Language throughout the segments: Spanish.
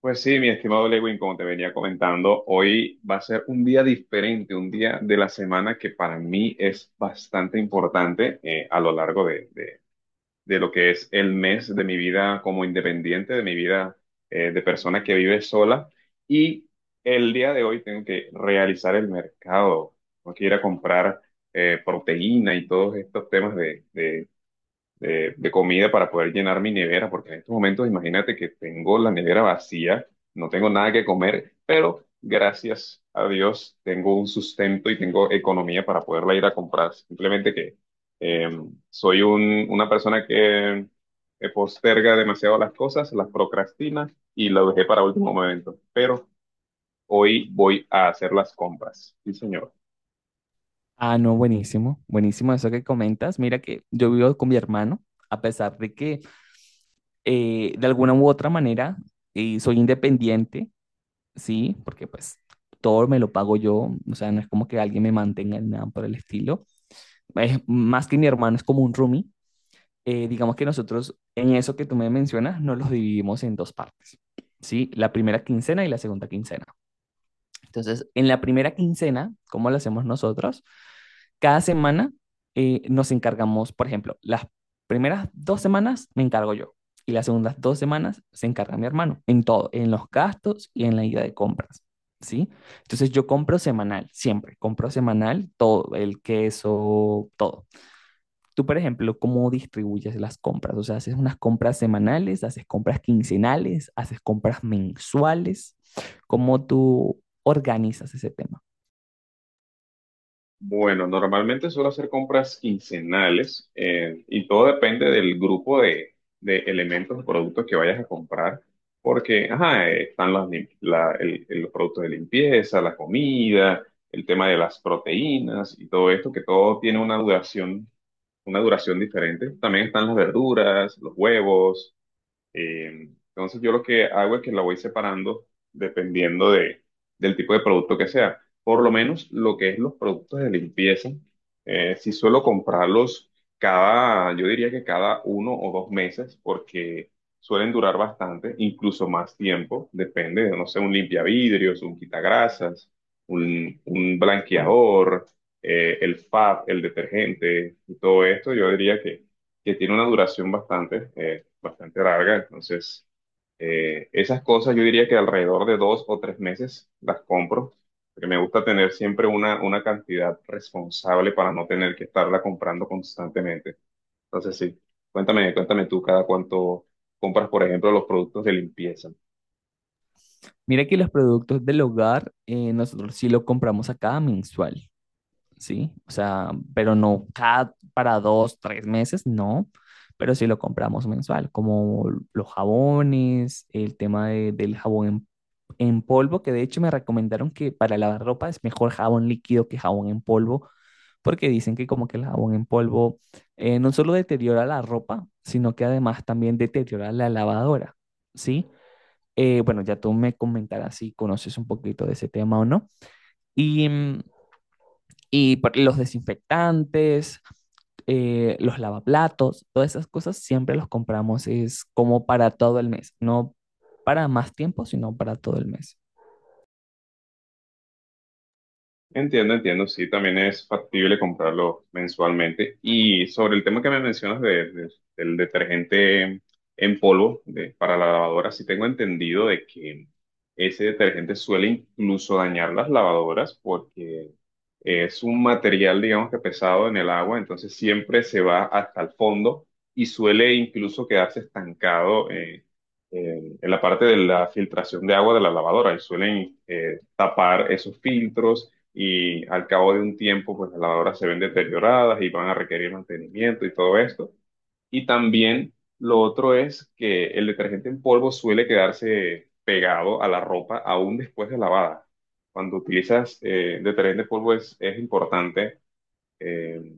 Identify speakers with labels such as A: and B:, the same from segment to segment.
A: Pues sí, mi estimado Lewin, como te venía comentando, hoy va a ser un día diferente, un día de la semana que para mí es bastante importante, a lo largo de de lo que es el mes de mi vida como independiente, de mi vida de persona que vive sola. Y el día de hoy tengo que realizar el mercado, tengo que ir a comprar proteína y todos estos temas de comida para poder llenar mi nevera, porque en estos momentos imagínate que tengo la nevera vacía, no tengo nada que comer, pero gracias a Dios tengo un sustento y tengo economía para poderla ir a comprar. Simplemente que eh, una persona que posterga demasiado las cosas, las procrastina y lo dejé para último momento, pero hoy voy a hacer las compras. Sí, señor.
B: Ah, no, buenísimo, buenísimo eso que comentas. Mira que yo vivo con mi hermano, a pesar de que de alguna u otra manera soy independiente, sí, porque pues todo me lo pago yo, o sea, no es como que alguien me mantenga ni nada por el estilo. Es más que mi hermano, es como un roomie. Digamos que nosotros en eso que tú me mencionas, nos los dividimos en dos partes, sí, la primera quincena y la segunda quincena. Entonces, en la primera quincena, ¿cómo lo hacemos nosotros? Cada semana nos encargamos, por ejemplo, las primeras 2 semanas me encargo yo y las segundas 2 semanas se encarga mi hermano en todo, en los gastos y en la ida de compras. ¿Sí? Entonces yo compro semanal, siempre, compro semanal todo, el queso, todo. Tú, por ejemplo, ¿cómo distribuyes las compras? O sea, haces unas compras semanales, haces compras quincenales, haces compras mensuales. ¿Cómo tú organizas ese tema?
A: Bueno, normalmente suelo hacer compras quincenales, y todo depende del grupo de elementos o productos que vayas a comprar, porque ajá, están las lim- la- el- los productos de limpieza, la comida, el tema de las proteínas y todo esto, que todo tiene una duración diferente. También están las verduras, los huevos. Entonces yo lo que hago es que la voy separando dependiendo del tipo de producto que sea. Por lo menos lo que es los productos de limpieza, sí suelo comprarlos cada, yo diría que cada uno o dos meses porque suelen durar bastante, incluso más tiempo, depende de, no sé, un limpiavidrios, un quitagrasas, un blanqueador, el FAB, el detergente y todo esto, yo diría que tiene una duración bastante, bastante larga. Entonces, esas cosas yo diría que alrededor de dos o tres meses las compro, porque me gusta tener siempre una cantidad responsable para no tener que estarla comprando constantemente. Entonces, sí, cuéntame tú cada cuánto compras, por ejemplo, los productos de limpieza.
B: Mira que los productos del hogar nosotros sí lo compramos acá mensual, ¿sí? O sea, pero no cada para 2, 3 meses, no, pero sí lo compramos mensual, como los jabones, el tema del jabón en polvo, que de hecho me recomendaron que para lavar ropa es mejor jabón líquido que jabón en polvo, porque dicen que como que el jabón en polvo no solo deteriora la ropa, sino que además también deteriora la lavadora, ¿sí? Bueno, ya tú me comentarás si conoces un poquito de ese tema o no. Y, y los desinfectantes, los lavaplatos, todas esas cosas siempre los compramos, es como para todo el mes, no para más tiempo, sino para todo el mes.
A: Entiendo, entiendo, sí, también es factible comprarlo mensualmente. Y sobre el tema que me mencionas del detergente en polvo de- para la lavadora, sí tengo entendido de que ese detergente suele incluso dañar las lavadoras porque es un material, digamos que pesado en el agua, entonces siempre se va hasta el fondo y suele incluso quedarse estancado, en la parte de la filtración de agua de la lavadora y suelen tapar esos filtros y al cabo de un tiempo, pues las lavadoras se ven deterioradas y van a requerir mantenimiento y todo esto. Y también lo otro es que el detergente en polvo suele quedarse pegado a la ropa aún después de lavada. Cuando utilizas detergente en polvo es importante eh,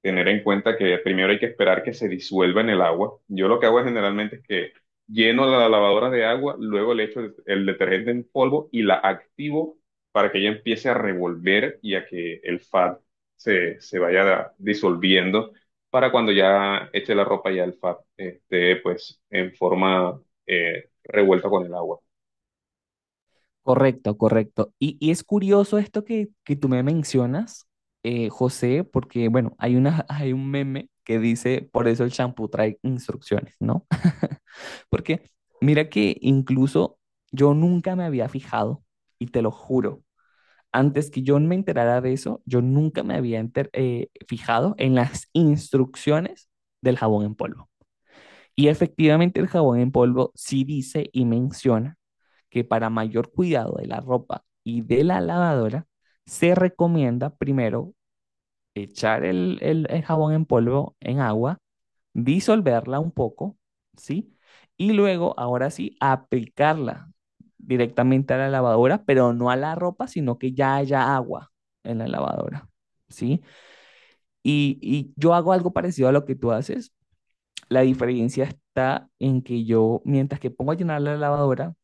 A: tener en cuenta que primero hay que esperar que se disuelva en el agua. Yo lo que hago generalmente es que lleno la lavadora de agua, luego le echo el detergente en polvo y la activo para que ella empiece a revolver y a que el fat se vaya disolviendo para cuando ya eche la ropa ya el fat esté pues en forma, revuelta con el agua.
B: Correcto, correcto. Y es curioso esto que tú me mencionas, José, porque bueno, hay un meme que dice, por eso el champú trae instrucciones, ¿no? Porque mira que incluso yo nunca me había fijado, y te lo juro, antes que yo me enterara de eso, yo nunca me había fijado en las instrucciones del jabón en polvo. Y efectivamente el jabón en polvo sí dice y menciona que para mayor cuidado de la ropa y de la lavadora, se recomienda primero echar el jabón en polvo en agua, disolverla un poco, ¿sí? Y luego, ahora sí, aplicarla directamente a la lavadora, pero no a la ropa, sino que ya haya agua en la lavadora, ¿sí? Y yo hago algo parecido a lo que tú haces. La diferencia está en que yo, mientras que pongo a llenar la lavadora,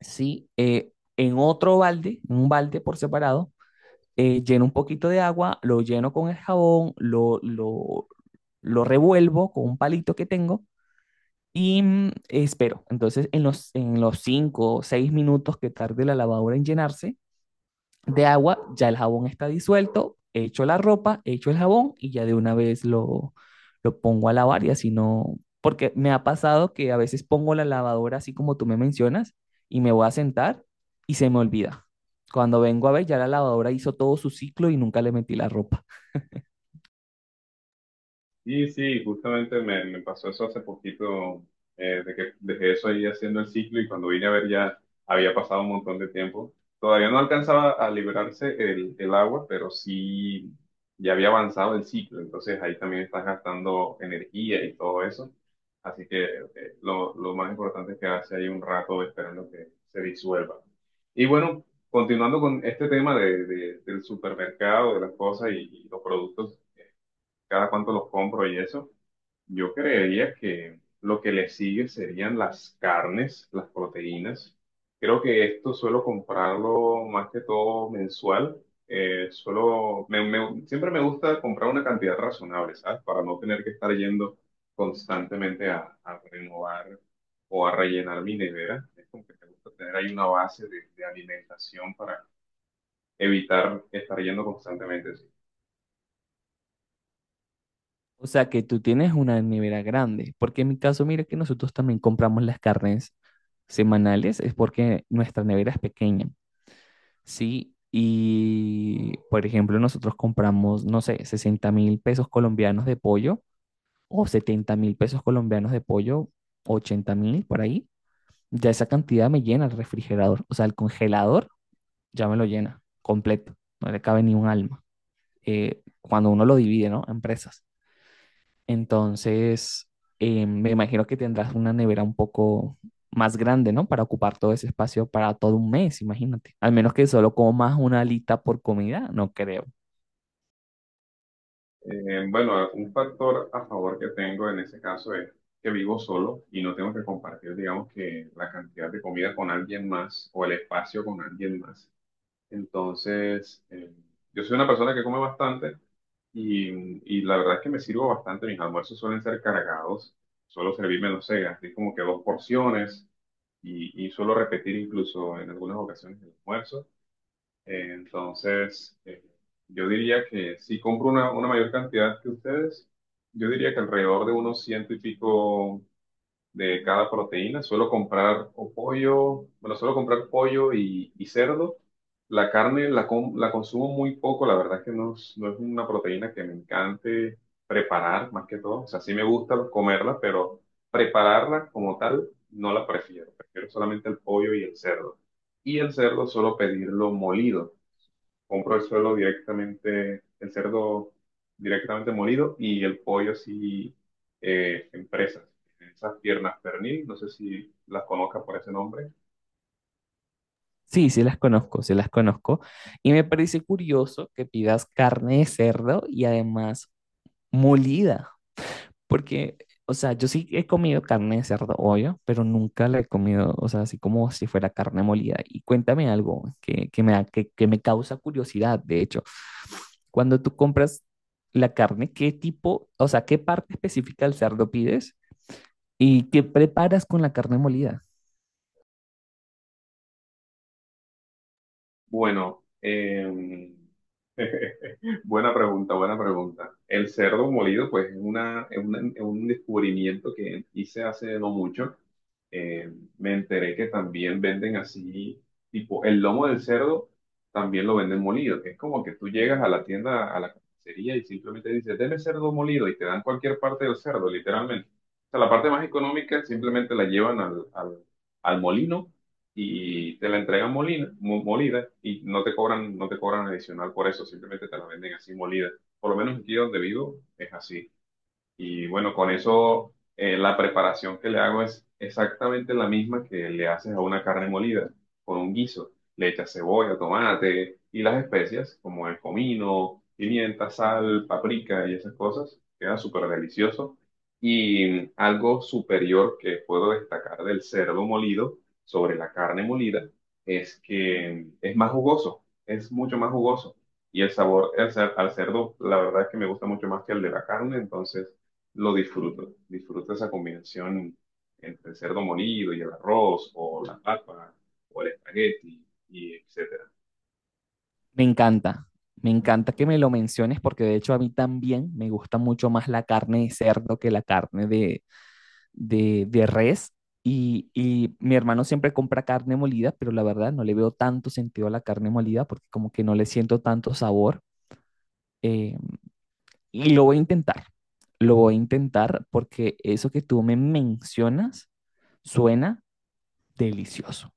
B: sí, en otro balde, en un balde por separado, lleno un poquito de agua, lo lleno con el jabón, lo revuelvo con un palito que tengo y espero. Entonces, en en los 5 o 6 minutos que tarde la lavadora en llenarse de agua, ya el jabón está disuelto, echo la ropa, echo el jabón y ya de una vez lo pongo a lavar y así no, porque me ha pasado que a veces pongo la lavadora así como tú me mencionas y me voy a sentar y se me olvida. Cuando vengo a ver, ya la lavadora hizo todo su ciclo y nunca le metí la ropa.
A: Y sí, justamente me pasó eso hace poquito, de que dejé eso ahí haciendo el ciclo y cuando vine a ver ya había pasado un montón de tiempo. Todavía no alcanzaba a liberarse el agua, pero sí ya había avanzado el ciclo, entonces ahí también estás gastando energía y todo eso. Así que lo más importante es quedarse ahí un rato esperando que se disuelva. Y bueno, continuando con este tema del supermercado, de las cosas y los productos cada cuánto los compro y eso. Yo creería que lo que le sigue serían las carnes, las proteínas. Creo que esto suelo comprarlo más que todo mensual. Siempre me gusta comprar una cantidad razonable, ¿sabes? Para no tener que estar yendo constantemente a renovar o a rellenar mi nevera. Es como que me gusta tener ahí una base de alimentación para evitar estar yendo constantemente.
B: O sea que tú tienes una nevera grande, porque en mi caso, mira que nosotros también compramos las carnes semanales, es porque nuestra nevera es pequeña, ¿sí? Y, por ejemplo, nosotros compramos, no sé, 60.000 pesos colombianos de pollo o 70.000 pesos colombianos de pollo, 80.000 por ahí. Ya esa cantidad me llena el refrigerador, o sea, el congelador ya me lo llena completo, no le cabe ni un alma. Cuando uno lo divide, ¿no? En presas. Entonces, me imagino que tendrás una nevera un poco más grande, ¿no? Para ocupar todo ese espacio para todo un mes, imagínate. Al menos que solo comas una alita por comida, no creo.
A: Bueno, un factor a favor que tengo en ese caso es que vivo solo y no tengo que compartir, digamos, que la cantidad de comida con alguien más o el espacio con alguien más. Entonces, yo soy una persona que come bastante y la verdad es que me sirvo bastante. Mis almuerzos suelen ser cargados, suelo servirme, no sé, así como que dos porciones y suelo repetir incluso en algunas ocasiones el almuerzo. Eh, entonces, eh, yo diría que si compro una mayor cantidad que ustedes, yo diría que alrededor de unos ciento y pico de cada proteína. Suelo comprar o pollo, bueno, suelo comprar pollo y cerdo. La carne la consumo muy poco, la verdad es que no, no es una proteína que me encante preparar más que todo. O sea, sí me gusta comerla, pero prepararla como tal no la prefiero. Prefiero solamente el pollo y el cerdo. Y el cerdo suelo pedirlo molido, compro el suelo directamente, el cerdo directamente molido y el pollo así, en presas. Esas piernas pernil, no sé si las conozcas por ese nombre.
B: Sí, sí las conozco, sí las conozco. Y me parece curioso que pidas carne de cerdo y además molida. Porque, o sea, yo sí he comido carne de cerdo, obvio, pero nunca la he comido, o sea, así como si fuera carne molida. Y cuéntame algo que me causa curiosidad, de hecho. Cuando tú compras la carne, ¿qué tipo, o sea, qué parte específica del cerdo pides y qué preparas con la carne molida?
A: Bueno, buena pregunta, buena pregunta. El cerdo molido, pues, es un descubrimiento que hice hace no mucho. Eh, Me enteré que también venden así, tipo, el lomo del cerdo también lo venden molido, que es como que tú llegas a la tienda, a la carnicería y simplemente dices, deme cerdo molido y te dan cualquier parte del cerdo, literalmente. O sea, la parte más económica simplemente la llevan al molino y te la entregan molina, molida y no te cobran, no te cobran adicional por eso, simplemente te la venden así molida. Por lo menos aquí donde vivo es así. Y bueno, con eso, la preparación que le hago es exactamente la misma que le haces a una carne molida, con un guiso. Le echas cebolla, tomate y las especias como el comino, pimienta, sal, paprika y esas cosas. Queda súper delicioso. Y algo superior que puedo destacar del cerdo molido sobre la carne molida es que es más jugoso, es mucho más jugoso. Y el sabor al cerdo, la verdad es que me gusta mucho más que el de la carne, entonces lo disfruto. Disfruto esa combinación entre el cerdo molido y el arroz, o la papa, o el espagueti, y etc.
B: Me encanta, me encanta que me lo menciones porque de hecho a mí también me gusta mucho más la carne de cerdo que la carne de res y mi hermano siempre compra carne molida, pero la verdad no le veo tanto sentido a la carne molida porque como que no le siento tanto sabor eh, y lo voy a intentar, lo voy a intentar porque eso que tú me mencionas suena delicioso.